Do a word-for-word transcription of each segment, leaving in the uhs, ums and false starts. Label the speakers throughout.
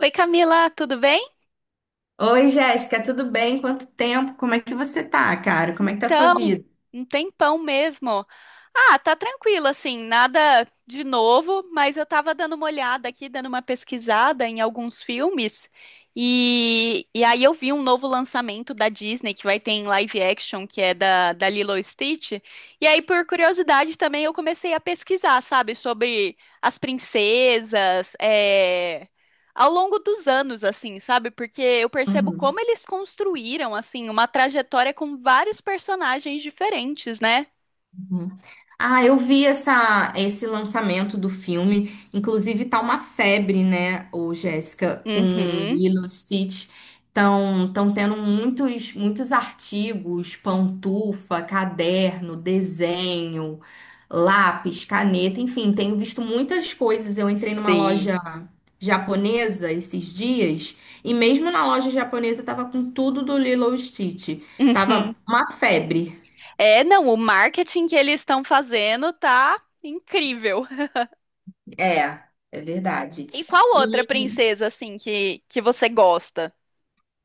Speaker 1: Oi, Camila, tudo bem?
Speaker 2: Oi, Jéssica, tudo bem? Quanto tempo? Como é que você tá, cara? Como é que tá a sua
Speaker 1: Então,
Speaker 2: vida?
Speaker 1: um tempão mesmo. Ah, tá tranquilo, assim, nada de novo, mas eu tava dando uma olhada aqui, dando uma pesquisada em alguns filmes, e, e aí eu vi um novo lançamento da Disney que vai ter em live action, que é da, da Lilo e Stitch. E aí, por curiosidade também, eu comecei a pesquisar, sabe, sobre as princesas, é, ao longo dos anos, assim, sabe? Porque eu percebo
Speaker 2: Uhum.
Speaker 1: como eles construíram, assim, uma trajetória com vários personagens diferentes, né?
Speaker 2: Ah, eu vi essa, esse lançamento do filme. Inclusive, tá uma febre, né, o Jéssica, com
Speaker 1: Uhum,
Speaker 2: Lilo e Stitch. Estão tão tão tendo muitos, muitos artigos, pantufa, caderno, desenho, lápis, caneta, enfim, tenho visto muitas coisas. Eu entrei numa
Speaker 1: sim.
Speaker 2: loja japonesa esses dias e mesmo na loja japonesa tava com tudo do Lilo e Stitch. Tava
Speaker 1: Uhum.
Speaker 2: uma febre.
Speaker 1: É, não, o marketing que eles estão fazendo tá incrível.
Speaker 2: É, é verdade.
Speaker 1: E qual outra
Speaker 2: E
Speaker 1: princesa, assim, que, que você gosta?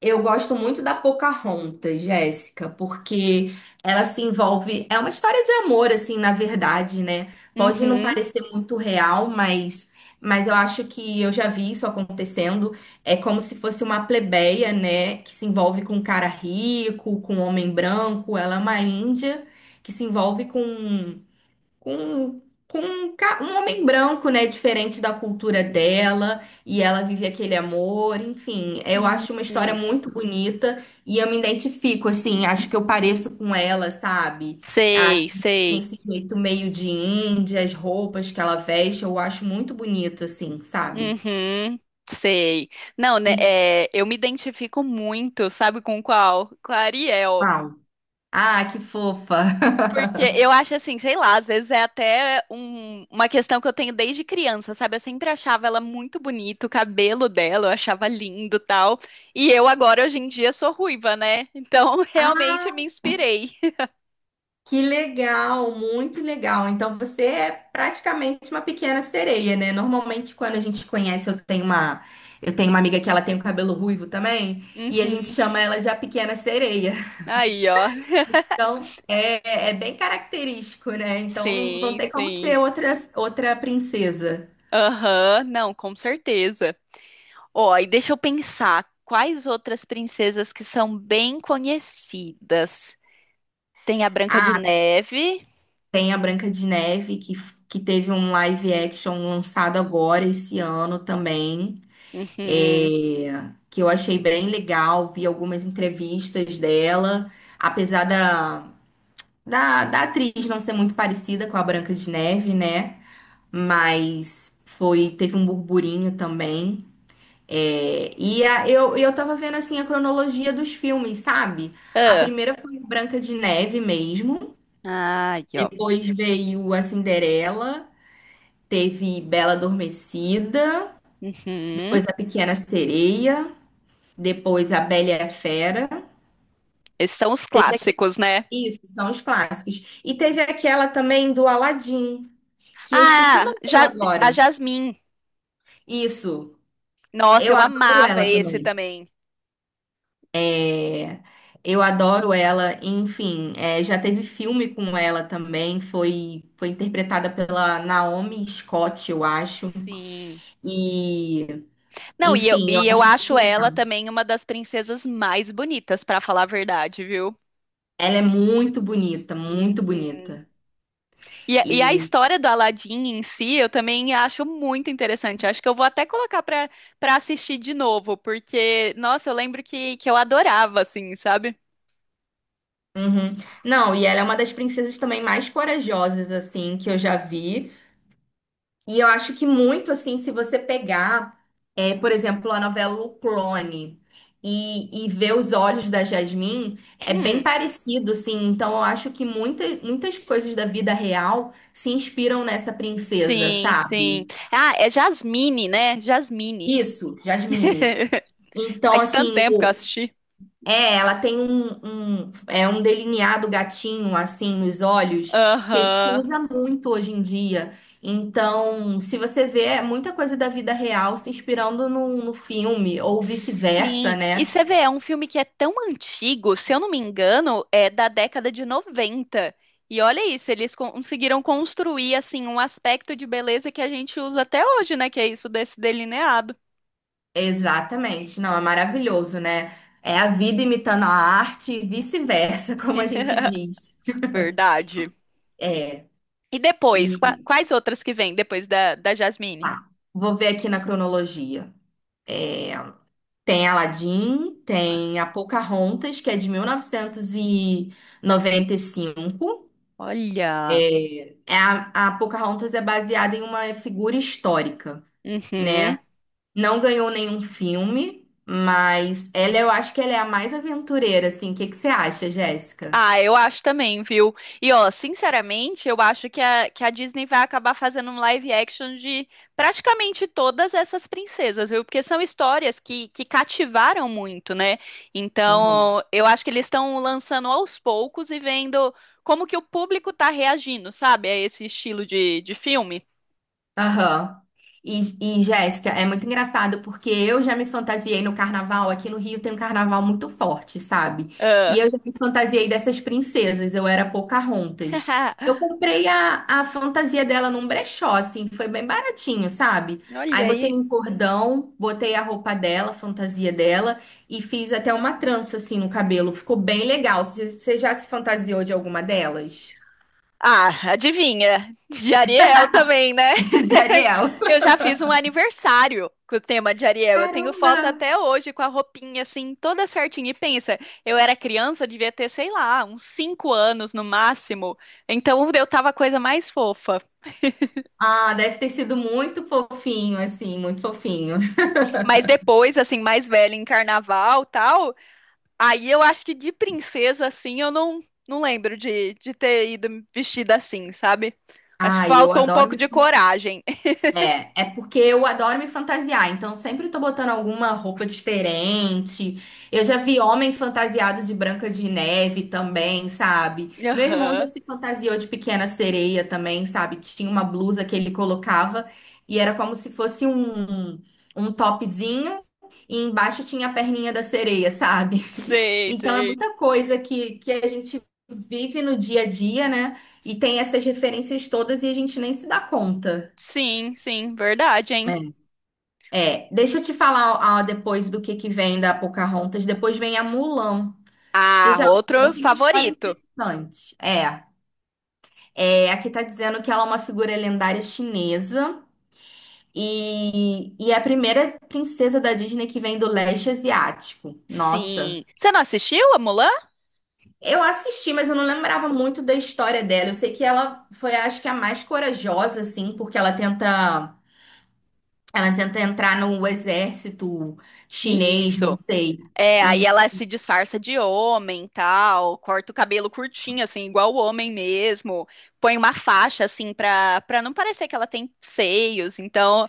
Speaker 2: eu gosto muito da Pocahontas, Jéssica, porque ela se envolve. É uma história de amor, assim, na verdade, né? Pode não
Speaker 1: Uhum.
Speaker 2: parecer muito real, mas, mas eu acho que eu já vi isso acontecendo. É como se fosse uma plebeia, né? Que se envolve com um cara rico, com um homem branco. Ela é uma índia que se envolve com com, com um, ca- um homem branco, né? Diferente da cultura dela, e ela vive aquele amor, enfim. Eu acho uma história
Speaker 1: Uhum.
Speaker 2: muito bonita e eu me identifico, assim, acho que eu pareço com ela, sabe? A,
Speaker 1: Sei,
Speaker 2: Tem
Speaker 1: sei.
Speaker 2: esse jeito meio de índia, as roupas que ela veste, eu acho muito bonito, assim, sabe?
Speaker 1: Uhum. Sei. Não, né,
Speaker 2: E,
Speaker 1: é, eu me identifico muito, sabe com qual? Com a Ariel.
Speaker 2: Uau. Ah, que fofa!
Speaker 1: Porque eu acho assim, sei lá, às vezes é até um- uma questão que eu tenho desde criança, sabe? Eu sempre achava ela muito bonita, o cabelo dela eu achava lindo, tal. E eu agora hoje em dia sou ruiva, né? Então realmente me
Speaker 2: Ah.
Speaker 1: inspirei.
Speaker 2: Que legal, muito legal. Então você é praticamente uma pequena sereia, né? Normalmente quando a gente conhece, eu tenho uma, eu tenho uma amiga que ela tem o cabelo ruivo também, e a gente
Speaker 1: Uhum.
Speaker 2: chama ela de a pequena sereia.
Speaker 1: Aí, ó.
Speaker 2: Então é, é bem característico, né? Então não, não
Speaker 1: Sim,
Speaker 2: tem como
Speaker 1: sim.
Speaker 2: ser outra, outra princesa.
Speaker 1: Aham, não, com certeza. Ó, e deixa eu pensar, quais outras princesas que são bem conhecidas? Tem a Branca de
Speaker 2: Ah,
Speaker 1: Neve.
Speaker 2: tem a Branca de Neve que, que teve um live action lançado agora esse ano também.
Speaker 1: Uhum.
Speaker 2: É, que eu achei bem legal, vi algumas entrevistas dela, apesar da, da, da atriz não ser muito parecida com a Branca de Neve, né? Mas foi, teve um burburinho também. É, e a- eu, eu tava vendo assim a cronologia dos filmes, sabe? A primeira foi Branca de Neve mesmo,
Speaker 1: Ah, aí, ó.
Speaker 2: depois veio a Cinderela, teve Bela Adormecida,
Speaker 1: Uhum.
Speaker 2: depois a Pequena Sereia, depois a Bela e a Fera.
Speaker 1: Esses são os
Speaker 2: Teve aque-
Speaker 1: clássicos, né?
Speaker 2: Isso, são os clássicos. E teve aquela também do Aladdin, que eu esqueci o
Speaker 1: Ah,
Speaker 2: nome dela
Speaker 1: ja a
Speaker 2: agora.
Speaker 1: Jasmine.
Speaker 2: Isso,
Speaker 1: Nossa,
Speaker 2: eu
Speaker 1: eu
Speaker 2: adoro
Speaker 1: amava
Speaker 2: ela
Speaker 1: esse
Speaker 2: também.
Speaker 1: também.
Speaker 2: Eu adoro ela, enfim, é, já teve filme com ela também, foi, foi interpretada pela Naomi Scott, eu acho.
Speaker 1: Sim.
Speaker 2: E,
Speaker 1: Não, e eu,
Speaker 2: Enfim, eu
Speaker 1: e eu
Speaker 2: acho muito
Speaker 1: acho
Speaker 2: legal.
Speaker 1: ela também uma das princesas mais bonitas, pra falar a verdade, viu?
Speaker 2: Ela é muito bonita, muito
Speaker 1: Uhum.
Speaker 2: bonita.
Speaker 1: E, a- e a
Speaker 2: E,
Speaker 1: história do Aladdin em si, eu também acho muito interessante. Acho que eu vou até colocar pra para assistir de novo, porque, nossa, eu lembro que, que eu adorava, assim, sabe?
Speaker 2: uhum. Não, e ela é uma das princesas também mais corajosas, assim, que eu já vi. E eu acho que muito assim, se você pegar, é, por exemplo, a novela O Clone e, e ver os olhos da Jasmine, é bem
Speaker 1: Hum.
Speaker 2: parecido, assim. Então eu acho que muita, muitas coisas da vida real se inspiram nessa princesa,
Speaker 1: Sim, sim.
Speaker 2: sabe?
Speaker 1: Ah, é Jasmine, né? Jasmine.
Speaker 2: Isso, Jasmine. Então,
Speaker 1: Faz tanto
Speaker 2: assim,
Speaker 1: tempo que eu assisti.
Speaker 2: É, ela tem um, um- é um delineado gatinho assim nos olhos que a gente
Speaker 1: Aham.
Speaker 2: usa muito hoje em dia. Então, se você vê é muita coisa da vida real se inspirando no, no filme ou vice-versa,
Speaker 1: Sim. E
Speaker 2: né?
Speaker 1: você vê, é um filme que é tão antigo, se eu não me engano, é da década de noventa. E olha isso, eles conseguiram construir assim um aspecto de beleza que a gente usa até hoje, né? Que é isso desse delineado.
Speaker 2: Exatamente. Não, é maravilhoso, né? É a vida imitando a arte e vice-versa, como a gente diz.
Speaker 1: Verdade. E depois, qua-
Speaker 2: E
Speaker 1: quais outras que vêm depois da, da Jasmine?
Speaker 2: ah, vou ver aqui na cronologia. Tem Aladdin, tem a Pocahontas, que é de mil novecentos e noventa e cinco.
Speaker 1: Olha.
Speaker 2: É A, a Pocahontas é baseada em uma figura histórica,
Speaker 1: Uhum.
Speaker 2: né? Não ganhou nenhum filme, mas ela, eu acho que ela é a mais aventureira, assim. O que que você acha, Jéssica?
Speaker 1: Ah, eu acho também, viu? E ó, sinceramente, eu acho que a, que a Disney vai acabar fazendo um live action de praticamente todas essas princesas, viu? Porque são histórias que, que cativaram muito, né?
Speaker 2: Uhum.
Speaker 1: Então, eu acho que eles estão lançando aos poucos e vendo como que o público tá reagindo, sabe? A esse estilo de, de filme.
Speaker 2: Aham. E, e, Jéssica, é muito engraçado porque eu já me fantasiei no carnaval. Aqui no Rio tem um carnaval muito forte, sabe? E
Speaker 1: Ah.
Speaker 2: eu já me fantasiei dessas princesas. Eu era Pocahontas. Eu comprei a, a fantasia dela num brechó, assim, foi bem baratinho, sabe? Aí
Speaker 1: Olha
Speaker 2: botei
Speaker 1: aí.
Speaker 2: um cordão, botei a roupa dela, a fantasia dela, e fiz até uma trança, assim, no cabelo. Ficou bem legal. Você você já se fantasiou de alguma delas?
Speaker 1: Ah, adivinha? De Ariel também, né?
Speaker 2: De Ariel?
Speaker 1: Eu já fiz um aniversário com o tema de Ariel. Eu tenho
Speaker 2: Caramba!
Speaker 1: foto até hoje com a roupinha assim, toda certinha. E pensa, eu era criança, devia ter, sei lá, uns cinco anos no máximo. Então eu tava a coisa mais fofa.
Speaker 2: Ah, deve ter sido muito fofinho, assim, muito fofinho.
Speaker 1: Mas depois, assim, mais velha em carnaval, tal, aí eu acho que de princesa assim, eu não não lembro de de ter ido vestida assim, sabe? Acho que
Speaker 2: Ai, eu
Speaker 1: faltou um
Speaker 2: adoro
Speaker 1: pouco
Speaker 2: me.
Speaker 1: de coragem.
Speaker 2: É, é porque eu adoro me fantasiar, então sempre tô botando alguma roupa diferente. Eu já vi homem fantasiado de Branca de Neve também, sabe? Meu irmão já
Speaker 1: Aham.
Speaker 2: se fantasiou de Pequena Sereia também, sabe? Tinha uma blusa que ele colocava e era como se fosse um, um topzinho e embaixo tinha a perninha da sereia, sabe?
Speaker 1: Sei,
Speaker 2: Então é
Speaker 1: sei.
Speaker 2: muita coisa que, que a gente vive no dia a dia, né? E tem essas referências todas e a gente nem se dá conta.
Speaker 1: Sim, sim, verdade, hein?
Speaker 2: É, deixa eu te falar ah, depois do que que vem da Pocahontas. Depois vem a Mulan.
Speaker 1: Ah,
Speaker 2: Seja,
Speaker 1: outro
Speaker 2: Mulan tem uma história
Speaker 1: favorito.
Speaker 2: interessante. É, é, aqui tá dizendo que ela é uma figura lendária chinesa e, e é a primeira princesa da Disney que vem do leste asiático. Nossa.
Speaker 1: Sim. Você não assistiu a Mulan?
Speaker 2: Eu assisti, mas eu não lembrava muito da história dela. Eu sei que ela foi, acho que a mais corajosa, assim, porque ela tenta, ela tenta entrar no exército chinês, não
Speaker 1: Isso.
Speaker 2: sei.
Speaker 1: É, aí ela se disfarça de homem, tal, corta o cabelo curtinho, assim, igual o homem mesmo, põe uma faixa, assim, pra, pra não parecer que ela tem seios. Então,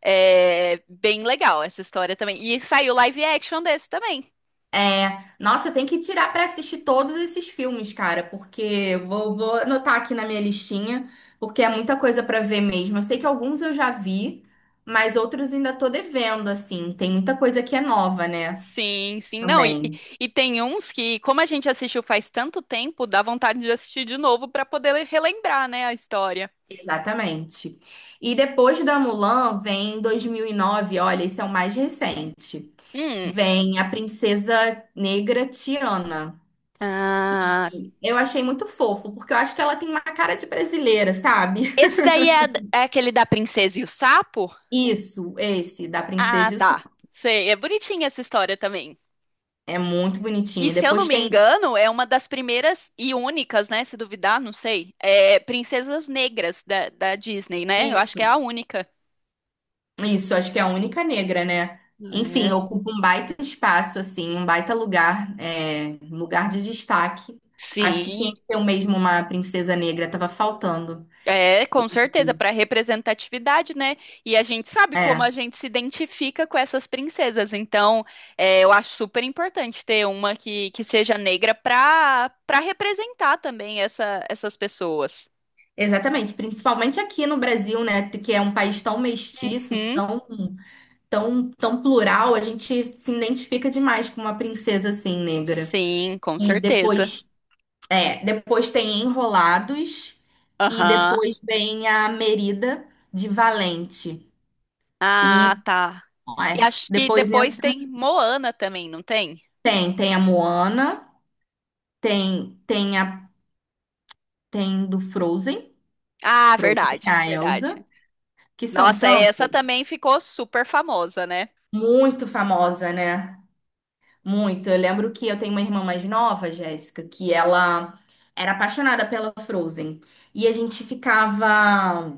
Speaker 1: é bem legal essa história também. E saiu live action desse também.
Speaker 2: É, nossa, eu tenho que tirar pra assistir todos esses filmes, cara, porque eu vou, vou anotar aqui na minha listinha, porque é muita coisa pra ver mesmo. Eu sei que alguns eu já vi, mas outros ainda tô devendo, assim. Tem muita coisa que é nova, né?
Speaker 1: Sim, sim. Não, e, e
Speaker 2: Também.
Speaker 1: e tem uns que, como a gente assistiu faz tanto tempo, dá vontade de assistir de novo pra poder le- relembrar, né, a história.
Speaker 2: Exatamente. E depois da Mulan vem dois mil e nove. Olha, esse é o mais recente.
Speaker 1: Hum.
Speaker 2: Vem A Princesa Negra Tiana.
Speaker 1: Ah,
Speaker 2: E eu achei muito fofo, porque eu acho que ela tem uma cara de brasileira, sabe?
Speaker 1: esse daí é, a- é aquele da Princesa e o Sapo?
Speaker 2: Isso, esse, da
Speaker 1: Ah,
Speaker 2: Princesa e o
Speaker 1: tá.
Speaker 2: Sapo.
Speaker 1: Sei, é bonitinha essa história também.
Speaker 2: É muito
Speaker 1: E
Speaker 2: bonitinho.
Speaker 1: se eu não
Speaker 2: Depois
Speaker 1: me
Speaker 2: tem
Speaker 1: engano, é uma das primeiras e únicas, né? Se duvidar, não sei. É Princesas Negras da, da Disney, né? Eu acho que é
Speaker 2: isso,
Speaker 1: a única.
Speaker 2: isso, acho que é a única negra, né? Enfim,
Speaker 1: É.
Speaker 2: ocupa um baita espaço, assim, um baita lugar, é, um lugar de destaque. Acho que
Speaker 1: Sim.
Speaker 2: tinha que ter o mesmo uma princesa negra, tava faltando.
Speaker 1: É,
Speaker 2: E-
Speaker 1: com certeza, para representatividade, né? E a gente sabe como a
Speaker 2: É,
Speaker 1: gente se identifica com essas princesas. Então, é, eu acho super importante ter uma que, que seja negra para para representar também essa, essas pessoas.
Speaker 2: exatamente, principalmente aqui no Brasil, né? Que é um país tão mestiço,
Speaker 1: Uhum.
Speaker 2: tão, tão, tão plural, a gente se identifica demais com uma princesa assim, negra.
Speaker 1: Sim, com
Speaker 2: E
Speaker 1: certeza.
Speaker 2: depois É, depois tem Enrolados e
Speaker 1: Aham.
Speaker 2: depois vem a Merida de Valente. E
Speaker 1: Ah, tá. E
Speaker 2: é,
Speaker 1: acho que
Speaker 2: depois entra
Speaker 1: depois tem Moana também, não tem?
Speaker 2: tem tem a Moana, tem tem a tem do Frozen,
Speaker 1: Ah,
Speaker 2: Frozen,
Speaker 1: verdade,
Speaker 2: a Elsa,
Speaker 1: verdade.
Speaker 2: que são
Speaker 1: Nossa, essa
Speaker 2: tantas,
Speaker 1: também ficou super famosa, né?
Speaker 2: muito famosa, né? Muito. Eu lembro que eu tenho uma irmã mais nova, Jéssica, que ela era apaixonada pela Frozen. E a gente ficava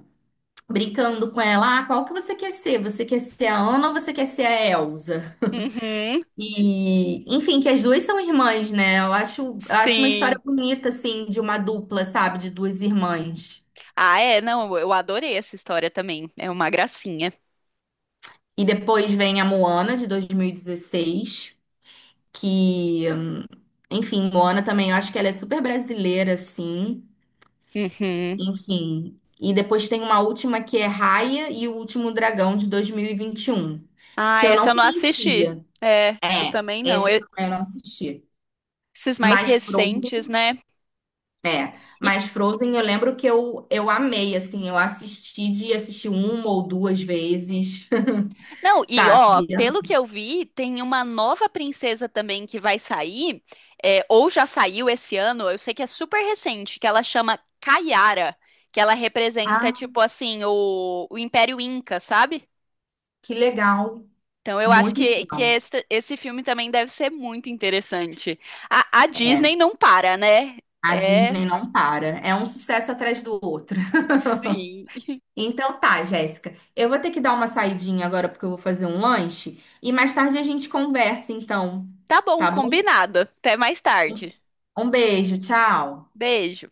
Speaker 2: brincando com ela, ah, qual que você quer ser? Você quer ser a Ana ou você quer ser a Elsa?
Speaker 1: Uhum.
Speaker 2: E, enfim, que as duas são irmãs, né? Eu acho, eu acho uma história
Speaker 1: Sim.
Speaker 2: bonita, assim, de uma dupla, sabe? De duas irmãs.
Speaker 1: Ah, é, não, eu adorei essa história também. É uma gracinha.
Speaker 2: E depois vem a Moana, de dois mil e dezesseis, que, enfim, Moana também, eu acho que ela é super brasileira, assim,
Speaker 1: Uhum.
Speaker 2: enfim. E depois tem uma última que é Raya e o Último Dragão, de dois mil e vinte e um,
Speaker 1: Ah,
Speaker 2: que eu
Speaker 1: essa
Speaker 2: não
Speaker 1: eu não assisti.
Speaker 2: conhecia.
Speaker 1: É, eu
Speaker 2: É,
Speaker 1: também não.
Speaker 2: esse
Speaker 1: Eu-
Speaker 2: também eu não assisti.
Speaker 1: esses mais
Speaker 2: Mas
Speaker 1: recentes,
Speaker 2: Frozen,
Speaker 1: né?
Speaker 2: é.
Speaker 1: E,
Speaker 2: Mas Frozen eu lembro que eu, eu amei, assim, eu assisti de assistir uma ou duas vezes,
Speaker 1: não, e ó,
Speaker 2: sabe?
Speaker 1: pelo que eu vi, tem uma nova princesa também que vai sair, é, ou já saiu esse ano, eu sei que é super recente, que ela chama Kayara, que ela representa,
Speaker 2: Ah,
Speaker 1: tipo assim, o, o Império Inca, sabe?
Speaker 2: que legal.
Speaker 1: Então, eu acho
Speaker 2: Muito
Speaker 1: que, que
Speaker 2: legal.
Speaker 1: esse, esse filme também deve ser muito interessante. A, a
Speaker 2: É,
Speaker 1: Disney não para, né?
Speaker 2: a
Speaker 1: É,
Speaker 2: Disney não para. É um sucesso atrás do outro.
Speaker 1: sim.
Speaker 2: Então tá, Jéssica. Eu vou ter que dar uma saidinha agora porque eu vou fazer um lanche e mais tarde a gente conversa, então,
Speaker 1: Tá bom,
Speaker 2: tá bom?
Speaker 1: combinado. Até mais tarde.
Speaker 2: Um beijo, tchau.
Speaker 1: Beijo.